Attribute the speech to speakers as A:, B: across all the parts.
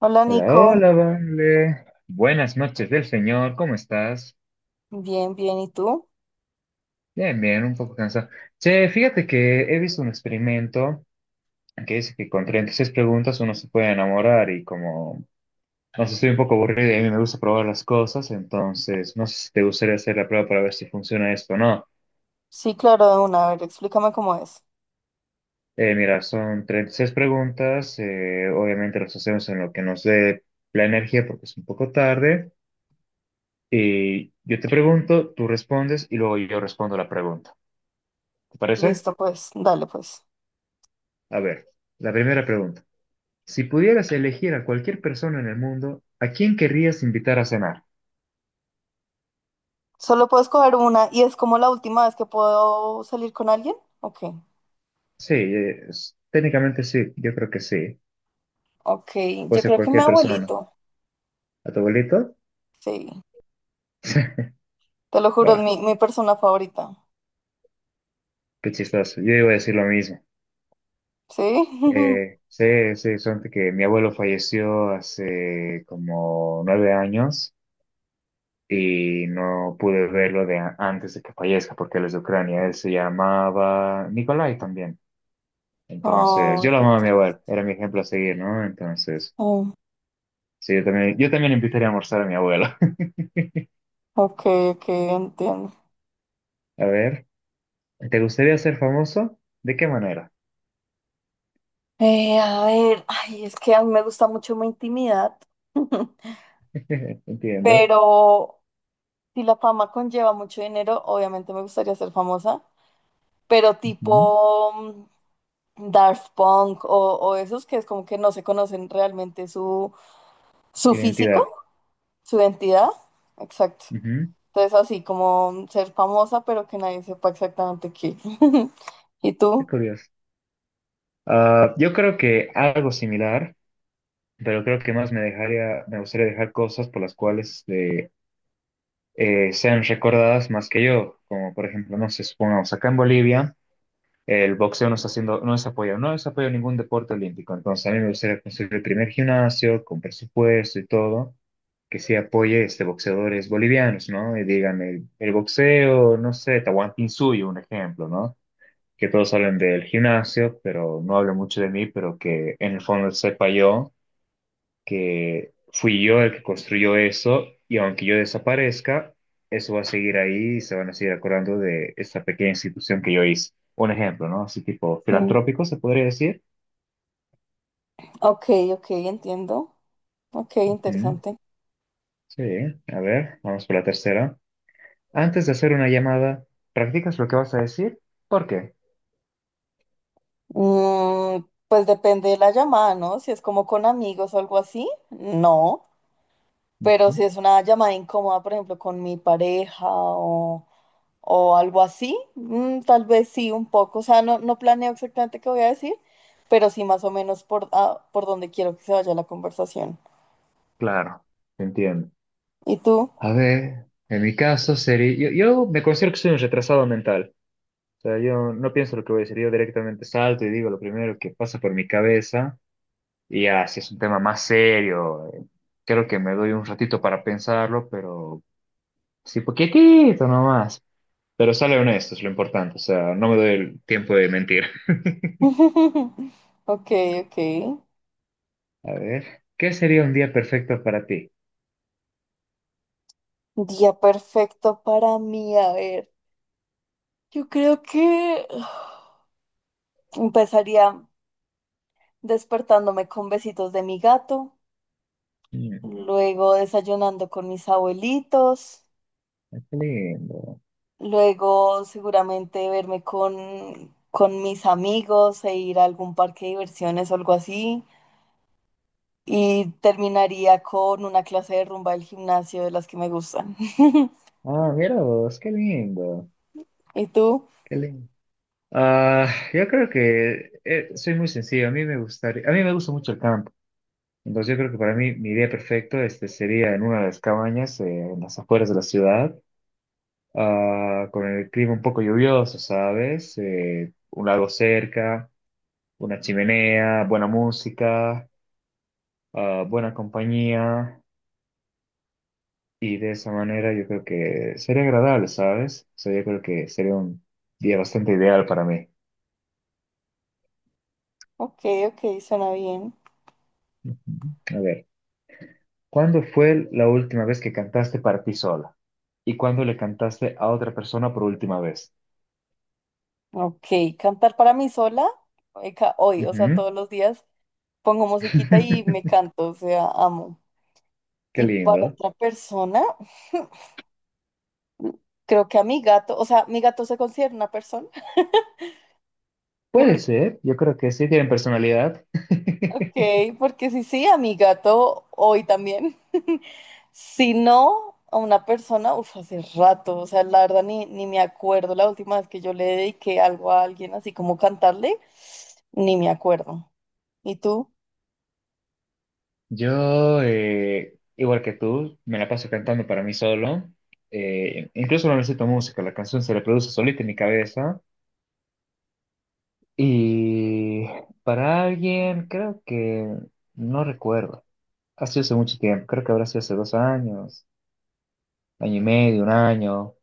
A: Hola
B: Hola,
A: Nico,
B: hola, vale. Buenas noches del señor, ¿cómo estás?
A: bien, bien, ¿y tú?
B: Bien, bien, un poco cansado. Che, fíjate que he visto un experimento que dice que con 36 preguntas uno se puede enamorar y como, no sé, estoy un poco aburrido y a mí me gusta probar las cosas, entonces no sé si te gustaría hacer la prueba para ver si funciona esto o no.
A: Sí, claro, de una, a ver, explícame cómo es.
B: Mira, son 36 preguntas, obviamente las hacemos en lo que nos dé la energía porque es un poco tarde. Y yo te pregunto, tú respondes y luego yo respondo la pregunta. ¿Te parece?
A: Listo, pues, dale, pues.
B: A ver, la primera pregunta. Si pudieras elegir a cualquier persona en el mundo, ¿a quién querrías invitar a cenar?
A: Solo puedo escoger una y es como la última vez que puedo salir con alguien. Ok,
B: Sí, técnicamente sí, yo creo que sí.
A: ok,
B: Puede
A: yo
B: ser
A: creo que mi
B: cualquier persona.
A: abuelito,
B: ¿A tu abuelito?
A: sí, te lo juro, es
B: Buah,
A: mi persona favorita,
B: qué chistoso. Yo iba a decir lo mismo.
A: ¿sí?
B: Sí, sí, son que mi abuelo falleció hace como 9 años y no pude verlo antes de que fallezca porque él es de Ucrania. Él se llamaba Nikolai también. Entonces, yo
A: Oh,
B: lo
A: qué
B: amaba a mi abuelo,
A: triste.
B: era mi ejemplo a seguir, ¿no? Entonces,
A: Oh,
B: sí, yo también invitaría a almorzar a mi abuelo.
A: ok, ok, entiendo.
B: A ver, ¿te gustaría ser famoso? ¿De qué manera?
A: A ver, ay, es que a mí me gusta mucho mi intimidad,
B: Entiendo.
A: pero... Si la fama conlleva mucho dinero, obviamente me gustaría ser famosa, pero
B: Ujú.
A: tipo Daft Punk o esos que es como que no se conocen realmente su, su físico,
B: Identidad.
A: su identidad. Exacto.
B: Ujú.
A: Entonces así como ser famosa, pero que nadie sepa exactamente qué. ¿Y
B: Qué
A: tú?
B: curioso. Ah, yo creo que algo similar, pero creo que más me dejaría, me gustaría dejar cosas por las cuales sean recordadas más que yo, como por ejemplo, no sé, supongamos acá en Bolivia. El boxeo no está haciendo, no es apoyado ningún deporte olímpico. Entonces, a mí me gustaría construir el primer gimnasio con presupuesto y todo, que sí apoye este boxeadores bolivianos, ¿no? Y digan el boxeo, no sé, Tahuantinsuyo, un ejemplo, ¿no? Que todos hablen del gimnasio, pero no hablen mucho de mí, pero que en el fondo sepa yo que fui yo el que construyó eso y aunque yo desaparezca, eso va a seguir ahí y se van a seguir acordando de esta pequeña institución que yo hice. Un ejemplo, ¿no? Así tipo
A: Mm.
B: filantrópico, se podría decir.
A: Ok, ok, entiendo. Ok,
B: Mm,
A: interesante.
B: sí, a ver, vamos por la tercera. Antes de hacer una llamada, ¿practicas lo que vas a decir? ¿Por qué?
A: Pues depende de la llamada, ¿no? Si es como con amigos o algo así, no. Pero
B: Ujú.
A: si es una llamada incómoda, por ejemplo, con mi pareja o algo así, tal vez sí, un poco. O sea, no, no planeo exactamente qué voy a decir, pero sí más o menos por, por donde quiero que se vaya la conversación.
B: Claro, te entiendo.
A: ¿Y tú?
B: A ver, en mi caso sería, yo me considero que soy un retrasado mental. O sea, yo no pienso lo que voy a decir, yo directamente salto y digo lo primero que pasa por mi cabeza. Y ya, si es un tema más serio, creo que me doy un ratito para pensarlo, pero sí, poquitito nomás. Pero sale honesto, es lo importante. O sea, no me doy el tiempo de mentir.
A: Ok, ok.
B: A ver, ¿qué sería un día perfecto para ti?
A: Día perfecto para mí. A ver, yo creo que empezaría despertándome con besitos de mi gato,
B: Mm,
A: luego desayunando con mis abuelitos.
B: qué lindo.
A: Luego seguramente verme con mis amigos e ir a algún parque de diversiones o algo así. Y terminaría con una clase de rumba del gimnasio de las que me gustan.
B: Ah, mira vos, qué lindo.
A: ¿Y tú?
B: Qué lindo. Ah, yo creo que soy muy sencillo. A mí me gustaría, a mí me gusta mucho el campo. Entonces yo creo que para mí mi día perfecto este sería en una de las cabañas en las afueras de la ciudad, con el clima un poco lluvioso, ¿sabes? Un lago cerca, una chimenea, buena música, buena compañía y de esa manera yo creo que sería agradable, ¿sabes? O sea, yo creo que sería un día bastante ideal para mí.
A: Ok, ok, suena bien.
B: A ver, ¿cuándo fue la última vez que cantaste para ti sola? ¿Y cuándo le cantaste a otra persona por última vez?
A: Ok, cantar para mí sola hoy, o sea,
B: Ujú.
A: todos los días pongo musiquita y me canto, o sea, amo.
B: Qué
A: Y para
B: lindo.
A: otra persona, creo que a mi gato, o sea, mi gato se considera una persona.
B: Puede ser, yo creo que sí tienen personalidad.
A: Ok, porque si sí, a mi gato hoy también. Si no, a una persona, uff, hace rato, o sea, la verdad ni me acuerdo la última vez que yo le dediqué algo a alguien, así como cantarle, ni me acuerdo. ¿Y tú?
B: Yo, igual que tú, me la paso cantando para mí solo. Incluso no necesito música, la canción se reproduce solita en mi cabeza. Y para alguien, creo que no recuerdo. Ha sido hace mucho tiempo, creo que habrá sido hace 2 años, año y medio, un año.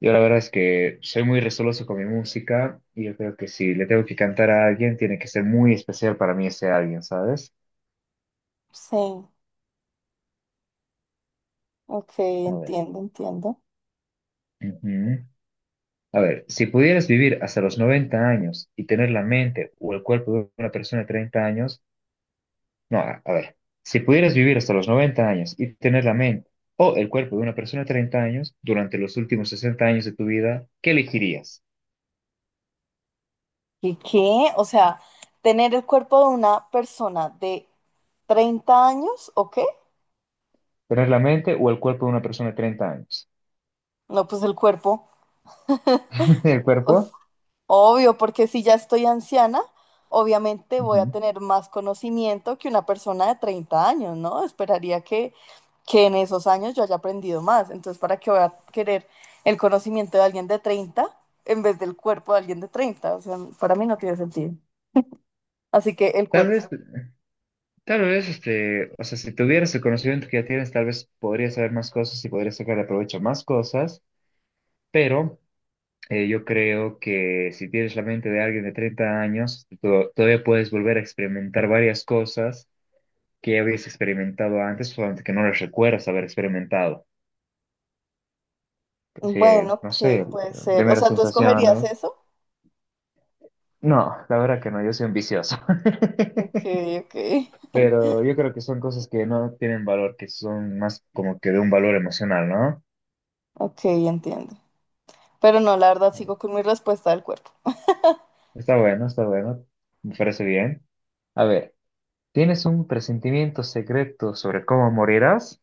B: Yo la verdad es que soy muy resoloso con mi música y yo creo que si le tengo que cantar a alguien, tiene que ser muy especial para mí ese alguien, ¿sabes?
A: Sí, ok,
B: A ver.
A: entiendo, entiendo.
B: Ujú. A ver, si pudieras vivir hasta los 90 años y tener la mente o el cuerpo de una persona de 30 años, no, a ver, si pudieras vivir hasta los 90 años y tener la mente o el cuerpo de una persona de 30 años durante los últimos 60 años de tu vida, ¿qué elegirías?
A: ¿Y qué? O sea, tener el cuerpo de una persona de 30 años, ¿o qué?
B: ¿Tener la mente o el cuerpo de una persona de 30 años?
A: No, pues el cuerpo.
B: ¿El
A: O
B: cuerpo?
A: Obvio, porque si ya estoy anciana, obviamente voy a
B: Ujú.
A: tener más conocimiento que una persona de 30 años, ¿no? Esperaría que en esos años yo haya aprendido más. Entonces, ¿para qué voy a querer el conocimiento de alguien de 30 en vez del cuerpo de alguien de 30? O sea, para mí no tiene sentido. Así que el
B: Tal
A: cuerpo.
B: vez, tal vez, este, o sea, si tuvieras el conocimiento que ya tienes, tal vez podrías saber más cosas y podrías sacar provecho a más cosas, pero yo creo que si tienes la mente de alguien de 30 años, todavía puedes volver a experimentar varias cosas que ya habías experimentado antes, solamente que no las recuerdas haber experimentado. Así,
A: Bueno,
B: no
A: ok,
B: sé,
A: puede ser. O
B: primeras
A: sea, ¿tú escogerías
B: sensaciones.
A: eso?
B: No, la verdad que no, yo soy un vicioso.
A: Ok, ok.
B: Pero yo creo que son cosas que no tienen valor, que son más como que de un valor emocional, ¿no?
A: Ok, entiendo. Pero no, la verdad, sigo con mi respuesta del cuerpo.
B: Está bueno, está bueno. Me parece bien. A ver, ¿tienes un presentimiento secreto sobre cómo morirás?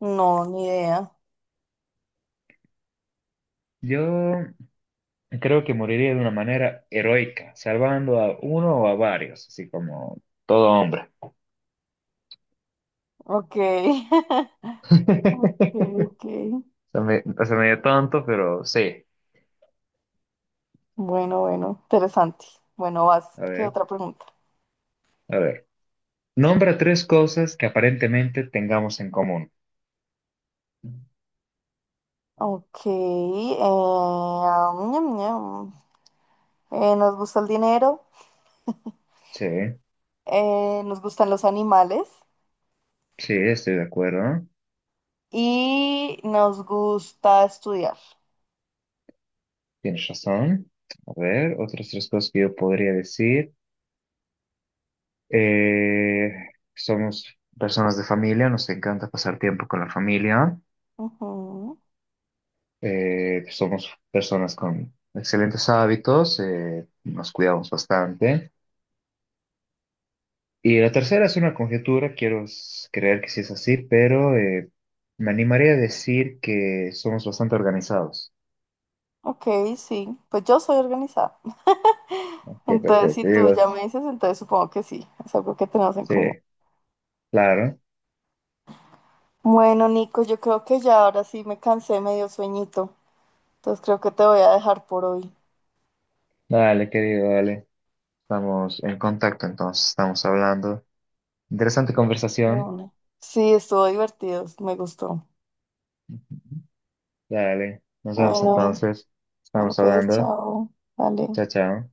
A: No, ni idea.
B: Yo creo que moriría de una manera heroica, salvando a uno o a varios, así como todo hombre.
A: Ok. Ok, ok.
B: Se me dio tonto, pero sí.
A: Bueno, bueno, interesante. Bueno, vas.
B: A
A: ¿Qué
B: ver,
A: otra pregunta?
B: a ver. Nombra tres cosas que aparentemente tengamos en común.
A: Ok. Am, ñam, ñam. Nos gusta el dinero,
B: Sí,
A: nos gustan los animales
B: sí, estoy de acuerdo.
A: y nos gusta estudiar.
B: Tienes razón. A ver, otras tres cosas que yo podría decir. Eh, Somos personas de familia, nos encanta pasar tiempo con la familia.
A: Ujú.
B: Somos personas con excelentes hábitos, nos cuidamos bastante. Y la tercera es una conjetura, quiero creer que sí es así, pero me animaría a decir que somos bastante organizados.
A: Ok, sí. Pues yo soy organizada.
B: Ok,
A: Entonces, si
B: perfecto.
A: tú
B: Digo,
A: ya me dices, entonces supongo que sí, es algo que tenemos en
B: sí,
A: común.
B: claro.
A: Bueno, Nico, yo creo que ya ahora sí me cansé, me dio sueñito, entonces creo que te voy a dejar por hoy.
B: Dale, querido, dale. Estamos en contacto, entonces estamos hablando. Interesante
A: De
B: conversación.
A: una. Sí, estuvo divertido, me gustó.
B: Dale, nos vemos
A: Bueno,
B: entonces.
A: bueno,
B: Estamos
A: pues
B: hablando.
A: chao, dale.
B: Chao, chao.